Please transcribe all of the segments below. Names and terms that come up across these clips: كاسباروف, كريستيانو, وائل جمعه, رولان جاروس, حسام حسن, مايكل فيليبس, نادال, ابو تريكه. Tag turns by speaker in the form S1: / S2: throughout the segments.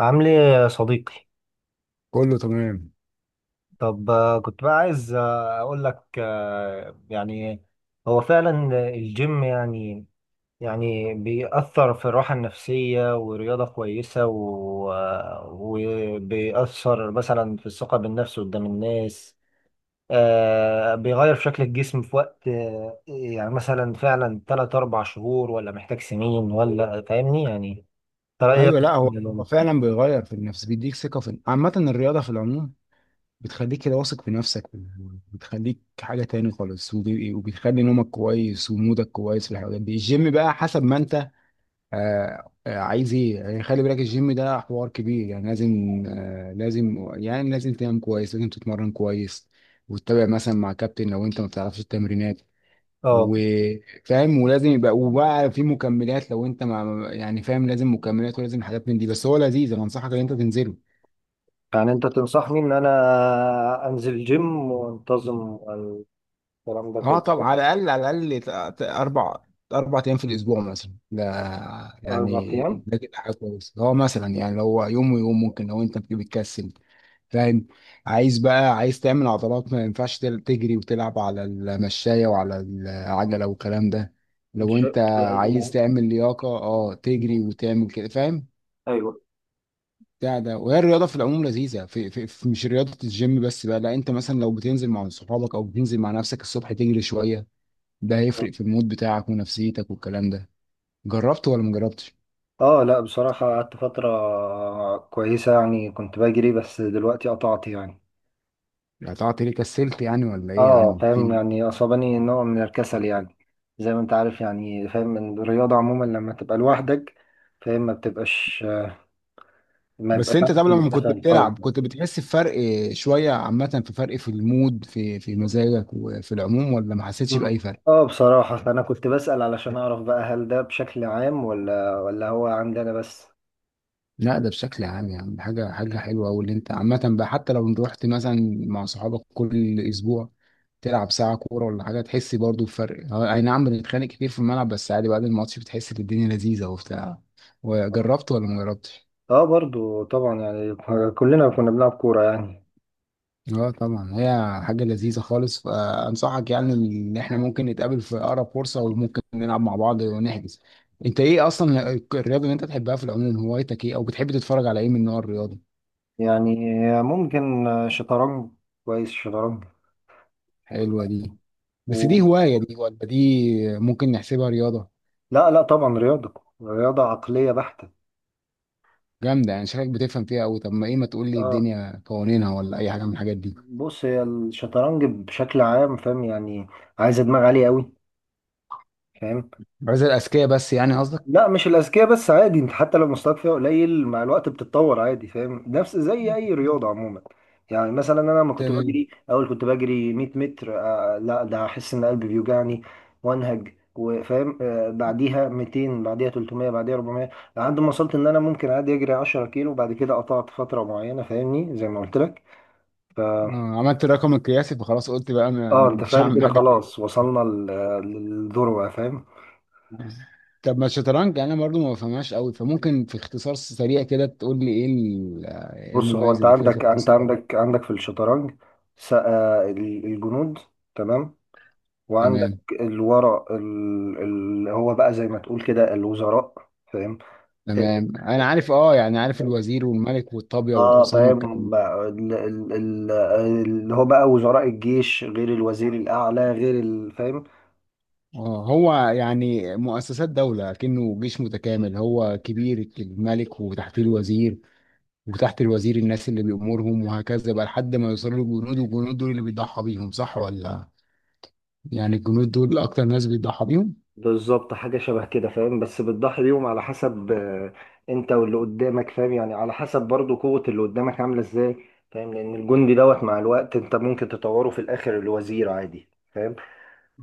S1: عامل ايه يا صديقي؟
S2: كله تمام.
S1: طب كنت بقى عايز اقول لك هو فعلا الجيم يعني بيأثر في الراحة النفسية ورياضة كويسة وبيأثر مثلا في الثقة بالنفس قدام الناس. بيغير في شكل الجسم في وقت يعني مثلا فعلا 3 4 شهور، ولا محتاج سنين، ولا فاهمني يعني. ترى ايه رأيك؟
S2: ايوه لا هو هو فعلا بيغير في النفس، بيديك ثقه في عامه، الرياضه في العموم بتخليك كده واثق في نفسك، بتخليك حاجه تاني خالص. وبتخلي نومك كويس ومودك كويس في الحاجات دي. الجيم بقى حسب ما انت عايز ايه يعني. خلي بالك الجيم ده حوار كبير، يعني لازم لازم يعني لازم تنام كويس، لازم تتمرن كويس، وتتابع مثلا مع كابتن لو انت ما بتعرفش التمرينات
S1: اه،
S2: وفاهم، ولازم يبقى وبقى في مكملات لو انت مع يعني فاهم، لازم مكملات ولازم حاجات من دي. بس هو لذيذ، انا انصحك ان انت تنزله.
S1: يعني انت تنصحني ان انا انزل جيم وانتظم، الكلام ده
S2: اه
S1: كله صح؟
S2: طبعا، على الاقل على الاقل اربع، اربع ايام في الاسبوع مثلا. ده
S1: اربع
S2: يعني
S1: ايام
S2: ده كده حاجه كويسه. هو مثلا يعني لو هو يوم ويوم ممكن لو انت بتكسل. فاهم، عايز بقى عايز تعمل عضلات ما ينفعش تجري وتلعب على المشايه وعلى العجله والكلام ده.
S1: ان
S2: لو
S1: شاء
S2: انت عايز
S1: الله.
S2: تعمل لياقه، اه تجري وتعمل كده، فاهم.
S1: ايوه.
S2: ده وهي الرياضه في العموم لذيذه، في مش رياضه الجيم بس بقى. لا، انت مثلا لو بتنزل مع صحابك او بتنزل مع نفسك الصبح تجري شويه، ده هيفرق في المود بتاعك ونفسيتك والكلام ده. جربت ولا ما جربتش؟
S1: اه لا، بصراحة قعدت فترة كويسة يعني كنت بجري، بس دلوقتي قطعت يعني.
S2: قطعت ليه؟ كسلت يعني ولا ايه يا
S1: اه
S2: عم؟
S1: فاهم،
S2: في
S1: يعني اصابني نوع من الكسل يعني. زي ما انت عارف يعني، فاهم إن الرياضة عموما لما تبقى لوحدك، فاهم، ما بتبقاش، ما
S2: بس
S1: بيبقاش
S2: انت، طب
S1: عندك
S2: لما كنت
S1: الدافع القوي.
S2: بتلعب كنت بتحس بفرق شويه عامه؟ في فرق في المود، في مزاجك وفي العموم، ولا ما حسيتش
S1: مم.
S2: باي فرق؟
S1: اه بصراحة فأنا كنت بسأل علشان أعرف بقى هل ده بشكل عام، ولا هو عندنا بس.
S2: لا ده بشكل عام يا عم. حاجة حلوة أوي اللي أنت عامة بقى. حتى لو رحت مثلا مع صحابك كل أسبوع تلعب ساعة كورة ولا حاجة، تحس برضو بفرق. هو أي نعم بنتخانق كتير في الملعب، بس عادي، بعد الماتش بتحس إن الدنيا لذيذة وبتاع. وجربت ولا ما جربتش؟
S1: اه برضو طبعا يعني، كلنا كنا بنلعب كورة يعني.
S2: اه طبعا، هي حاجة لذيذة خالص. فأنصحك يعني إن إحنا ممكن نتقابل في أقرب فرصة وممكن نلعب مع بعض ونحجز. أنت إيه أصلا الرياضة اللي أنت بتحبها في العموم؟ هوايتك إيه، أو بتحب تتفرج على إيه من نوع الرياضة؟
S1: يعني ممكن شطرنج. كويس شطرنج
S2: حلوة دي، بس دي
S1: و...
S2: هواية دي ولا دي ممكن نحسبها رياضة؟
S1: لا لا، طبعا رياضة. رياضة عقلية بحتة.
S2: جامدة يعني، شكلك بتفهم فيها أوي. طب ما إيه، ما تقول لي
S1: اه
S2: الدنيا قوانينها ولا أي حاجة من الحاجات دي.
S1: بص، هي الشطرنج بشكل عام، فاهم يعني، عايزة دماغ عالية قوي، فاهم.
S2: عايز الأذكياء بس يعني قصدك؟
S1: لا مش الاذكياء بس، عادي، انت حتى لو مستواك فيها قليل مع الوقت بتتطور عادي، فاهم، نفس زي اي رياضه عموما. يعني مثلا انا لما كنت
S2: تمام.
S1: بجري اول كنت بجري 100 متر، لا ده احس ان قلبي بيوجعني وانهج وفاهم، بعديها 200، بعديها 300، بعديها 400، لحد ما وصلت ان انا ممكن عادي اجري 10 كيلو. وبعد كده قطعت فتره معينه، فاهمني زي ما قلت لك ف-
S2: آه، عملت الرقم القياسي فخلاص قلت بقى
S1: اه انت
S2: مش
S1: فاهم
S2: هعمل
S1: كده،
S2: حاجة تاني.
S1: خلاص وصلنا للذروه فاهم.
S2: طب ما الشطرنج يعني أنا برضو ما بفهمهاش أوي، فممكن في اختصار سريع كده تقول لي إيه إيه
S1: بص، هو
S2: المميز
S1: انت
S2: اللي فيها في
S1: عندك انت
S2: اختصار؟
S1: عندك عندك في الشطرنج الجنود، تمام، وعندك
S2: تمام،
S1: الورق اللي هو بقى زي ما تقول كده الوزراء، فاهم.
S2: تمام أنا عارف. أه يعني عارف
S1: اه
S2: الوزير والملك والطابية والحصان.
S1: فاهم بقى اللي هو بقى وزراء الجيش، غير الوزير الاعلى، غير فاهم.
S2: اه، هو يعني مؤسسات دولة كأنه جيش متكامل. هو كبير الملك، وتحت الوزير، وتحت الوزير الناس اللي بيأمرهم، وهكذا بقى لحد ما يوصلوا للجنود. والجنود دول اللي بيضحى بيهم، صح ولا؟ يعني الجنود دول أكتر ناس بيضحى بيهم.
S1: بالظبط، حاجة شبه كده، فاهم. بس بتضحي بيهم على حسب انت واللي قدامك، فاهم يعني، على حسب برضو قوة اللي قدامك عاملة ازاي، فاهم. لأن الجندي دوت مع الوقت انت ممكن تطوره في الآخر لوزير عادي، فاهم.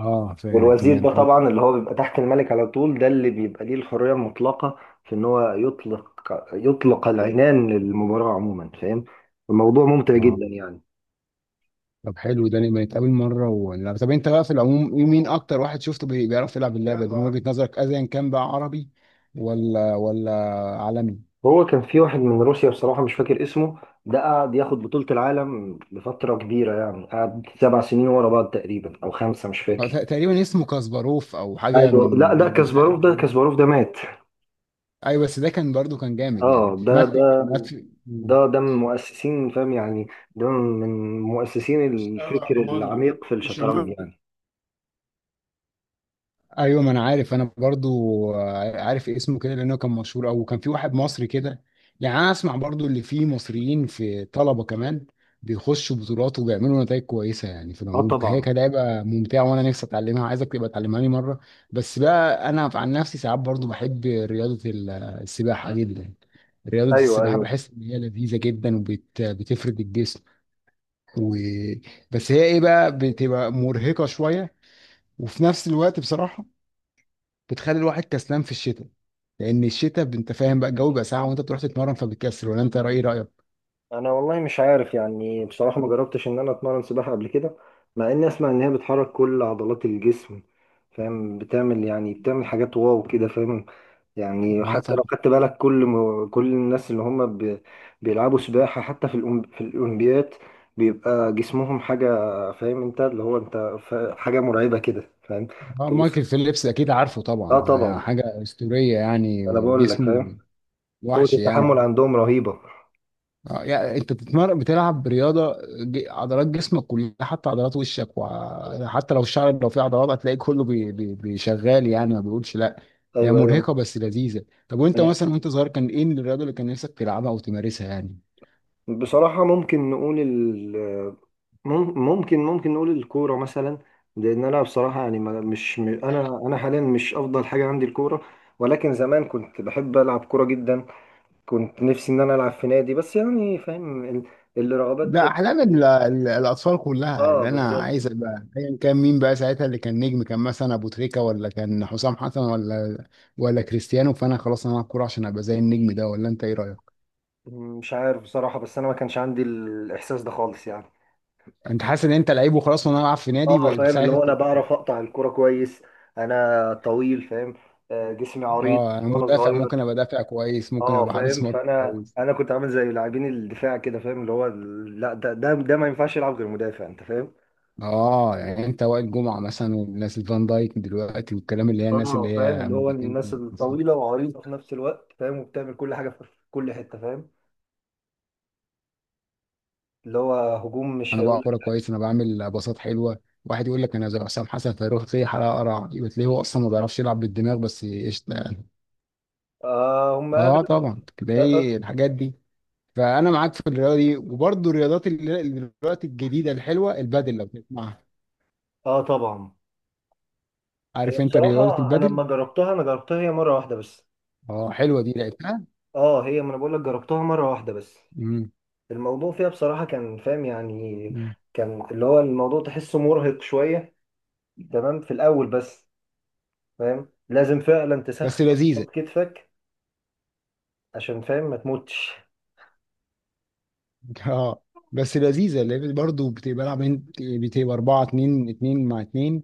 S2: اه فاهم
S1: والوزير
S2: تمام،
S1: ده
S2: حلو.
S1: طبعا اللي هو بيبقى تحت الملك على طول، ده اللي بيبقى ليه الحرية المطلقة في ان هو يطلق، يطلق العنان للمباراة عموما، فاهم. الموضوع ممتع
S2: اه،
S1: جدا يعني.
S2: طب حلو ده لما نتقابل مرة. ولا طب انت بقى في العموم إيه- مين أكتر واحد شفته بيعرف يلعب اللعبة دي من وجهة نظرك، أيا كان بقى، عربي ولا عالمي؟
S1: هو كان في واحد من روسيا، بصراحة مش فاكر اسمه، ده قعد ياخد بطولة العالم لفترة كبيرة يعني، قعد 7 سنين ورا بعض تقريبا، أو 5 مش
S2: ت-
S1: فاكر.
S2: تقريبا اسمه كاسباروف او حاجه من.
S1: ايوه لا ده كاسباروف، ده كاسباروف ده مات.
S2: ايوه، بس ده كان برضو كان جامد يعني.
S1: اه ده
S2: مات؟
S1: ده
S2: مات. مم.
S1: ده ده من مؤسسين فاهم يعني. ده من مؤسسين الفكر
S2: الرحمن.
S1: العميق في الشطرنج
S2: شمال.
S1: يعني.
S2: ايوه، ما انا عارف، انا برضو عارف اسمه كده لانه كان مشهور. او كان في واحد مصري كده. يعني انا اسمع برضو اللي فيه مصريين في طلبه كمان، بيخشوا بطولات وبيعملوا نتائج كويسه يعني. في
S1: اه
S2: العموم هي
S1: طبعا.
S2: كلعبه ممتعه، وانا نفسي اتعلمها، عايزك تبقى تعلمها لي مره. بس بقى انا عن نفسي ساعات برضو بحب رياضه السباحه جدا. رياضه
S1: ايوه
S2: السباحه
S1: ايوه.
S2: بحس ان هي لذيذه جدا وبتفرد الجسم و... بس هي ايه بقى، بتبقى مرهقة شوية، وفي نفس الوقت بصراحة بتخلي الواحد كسلان في الشتاء. لان الشتاء انت فاهم بقى الجو بيبقى ساقع وانت بتروح تتمرن فبتكسل، ولا انت رأيك؟
S1: انا والله مش عارف يعني، بصراحة ما جربتش ان انا اتمرن سباحة قبل كده. مع اني اسمع ان هي بتحرك كل عضلات الجسم، فاهم، بتعمل يعني بتعمل حاجات واو كده، فاهم. يعني
S2: اه
S1: حتى لو
S2: طبعا.
S1: خدت بالك كل الناس اللي هم ب... بيلعبوا سباحة، حتى في في الاولمبيات، بيبقى جسمهم حاجة، فاهم انت، اللي هو انت ف... حاجة مرعبة كده فاهم.
S2: اه
S1: تبص،
S2: مايكل فيليبس اكيد عارفه
S1: اه
S2: طبعا، ده
S1: طبعا.
S2: حاجة أسطورية يعني.
S1: انا بقول لك فاهم،
S2: جسمه
S1: قوة
S2: وحش يعني.
S1: التحمل عندهم رهيبة.
S2: اه يعني انت بتتمرن بتلعب رياضه، عضلات جسمك كلها، حتى عضلات وشك، وحتى لو الشعر لو فيه عضلات هتلاقي كله بي بي بيشغال يعني، ما بيقولش لا. هي
S1: ايوه
S2: مرهقه بس لذيذه. طب وانت
S1: ايوه
S2: مثلا وانت صغير كان ايه الرياضه اللي كان نفسك تلعبها او تمارسها يعني؟
S1: بصراحة، ممكن نقول ال مم- ممكن ممكن نقول الكورة مثلا. لأن أنا بصراحة يعني ما- مش م- أنا أنا حاليا مش أفضل حاجة عندي الكورة، ولكن زمان كنت بحب ألعب كورة جدا. كنت نفسي إن أنا ألعب في نادي، بس يعني فاهم الرغبات.
S2: ده احلام الاطفال كلها.
S1: آه
S2: اللي انا
S1: بالظبط.
S2: عايز ابقى ايا كان، مين بقى ساعتها اللي كان نجم، كان مثلا ابو تريكه ولا كان حسام حسن ولا كريستيانو، فانا خلاص انا هلعب كوره عشان ابقى زي النجم ده. ولا انت ايه رايك؟
S1: مش عارف بصراحة، بس أنا ما كانش عندي الإحساس ده خالص يعني.
S2: انت حاسس ان انت لعيب وخلاص وانا العب في نادي
S1: آه فاهم،
S2: ساعه
S1: اللي هو أنا
S2: الطفوله؟
S1: بعرف أقطع الكورة كويس، أنا طويل فاهم، جسمي عريض
S2: اه انا
S1: وأنا
S2: مدافع، ممكن
S1: صغير.
S2: ابقى دافع كويس، ممكن
S1: اه
S2: ابقى
S1: فاهم،
S2: حارس مرمى
S1: فانا
S2: كويس.
S1: انا كنت عامل زي لاعبين الدفاع كده، فاهم، لا ده ما ينفعش يلعب غير مدافع، انت فاهم.
S2: اه يعني انت وائل جمعه مثلا، والناس الفان دايك دلوقتي والكلام، اللي هي الناس
S1: اه
S2: اللي
S1: فاهم،
S2: هي
S1: اللي هو
S2: مدافعين
S1: الناس
S2: كويسين.
S1: الطويله وعريضه في نفس الوقت، فاهم، وبتعمل كل حاجه في كل حته، فاهم، اللي هو هجوم مش
S2: انا
S1: هيقول
S2: بقى كوره
S1: لك.
S2: كويس، انا بعمل باصات حلوه. واحد يقول لك انا زي حسام حسن، فيروح زي حلقه قرع وتلاقيه هو اصلا ما بيعرفش يلعب بالدماغ، بس قشطه يعني.
S1: آه هم
S2: اه
S1: اغلب.
S2: طبعا
S1: اه، آه.
S2: تلاقي الحاجات دي. فانا معاك في الرياضه دي. وبرضه الرياضات اللي دلوقتي الجديده الحلوه، البادل، لو تسمعها.
S1: طبعا. هي
S2: عارف انت رياضه
S1: بصراحه انا
S2: البادل؟
S1: لما جربتها، انا جربتها هي مره واحده بس.
S2: اه حلوه دي، لعبتها.
S1: اه هي ما انا بقول لك، جربتها مره واحده بس. الموضوع فيها بصراحه كان فاهم يعني،
S2: مم.
S1: كان اللي هو الموضوع تحسه مرهق شويه، تمام، في الاول بس، فاهم لازم فعلا تسخن
S2: بس لذيذه.
S1: عضلات كتفك عشان فاهم ما تموتش.
S2: اه، بس لذيذه، لان برضه بتبقى بلعب بتبقى 4 2 2 مع 2،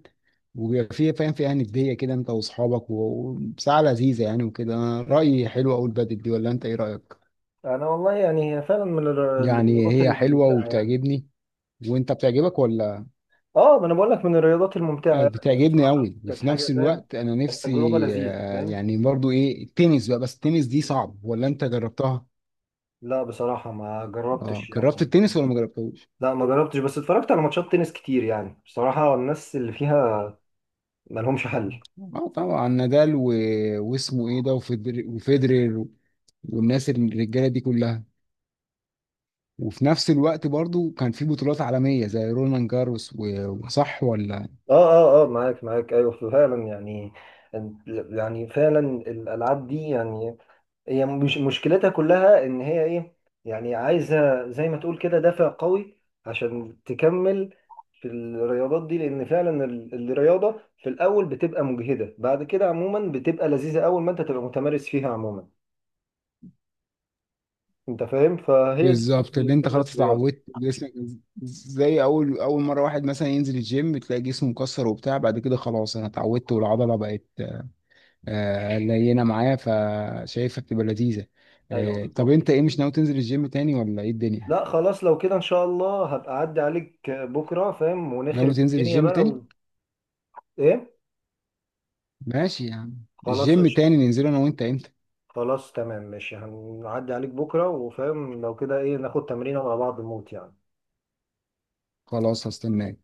S2: وبيبقى فيها فاهم، فيها نديه كده انت واصحابك. وساعه لذيذه يعني وكده. أنا رايي حلوه قوي البدل دي، ولا انت ايه رايك؟
S1: انا والله يعني هي فعلا من
S2: يعني
S1: الرياضات
S2: هي حلوه
S1: الممتعه يعني.
S2: وبتعجبني، وانت بتعجبك ولا؟
S1: اه ما انا بقول لك من الرياضات الممتعه
S2: آه،
S1: يعني،
S2: بتعجبني
S1: بصراحه
S2: قوي،
S1: كانت
S2: وفي نفس
S1: حاجه فاهم،
S2: الوقت انا
S1: كانت
S2: نفسي
S1: تجربه لذيذه فاهم.
S2: يعني برضو ايه، التنس بقى. بس التنس دي صعب ولا انت جربتها؟
S1: لا بصراحه ما
S2: اه
S1: جربتش يعني.
S2: جربت التنس ولا ما جربتهوش؟
S1: لا ما جربتش، بس اتفرجت على ماتشات تنس كتير، يعني بصراحه الناس اللي فيها ما لهمش حل.
S2: اه طبعا، نادال و... واسمه ايه ده، وفيدر... وفيدرير، والناس الرجاله دي كلها. وفي نفس الوقت برضو كان في بطولات عالميه زي رولان جاروس و... وصح ولا؟
S1: اه اه اه معاك معاك، ايوه فعلا يعني. يعني فعلا الالعاب دي يعني، هي مش مشكلتها كلها ان هي ايه، يعني عايزه زي ما تقول كده دافع قوي عشان تكمل في الرياضات دي، لان فعلا الرياضه في الاول بتبقى مجهده، بعد كده عموما بتبقى لذيذه اول ما انت تبقى متمارس فيها عموما، انت فاهم، فهي دي
S2: بالظبط، اللي انت
S1: فكره
S2: خلاص
S1: الرياضه.
S2: اتعودت جسمك. زي اول، اول مره واحد مثلا ينزل الجيم تلاقي جسمه مكسر وبتاع، بعد كده خلاص انا اتعودت والعضله بقت آه، لينه معايا، فشايفها بتبقى لذيذه.
S1: ايوه
S2: آه، طب
S1: بالظبط
S2: انت
S1: كده.
S2: ايه، مش ناوي تنزل الجيم تاني ولا ايه الدنيا؟
S1: لا خلاص لو كده ان شاء الله هبقى اعدي عليك بكره، فاهم،
S2: ناوي
S1: ونخرب
S2: تنزل
S1: الدنيا
S2: الجيم
S1: بقى
S2: تاني؟
S1: و... ايه.
S2: ماشي يا عم،
S1: خلاص
S2: الجيم
S1: قشطة.
S2: تاني ننزله انا وانت امتى؟
S1: خلاص تمام ماشي، هنعدي عليك بكرة وفاهم لو كده ايه، ناخد تمرين على بعض موت يعني.
S2: خلاص هستناك.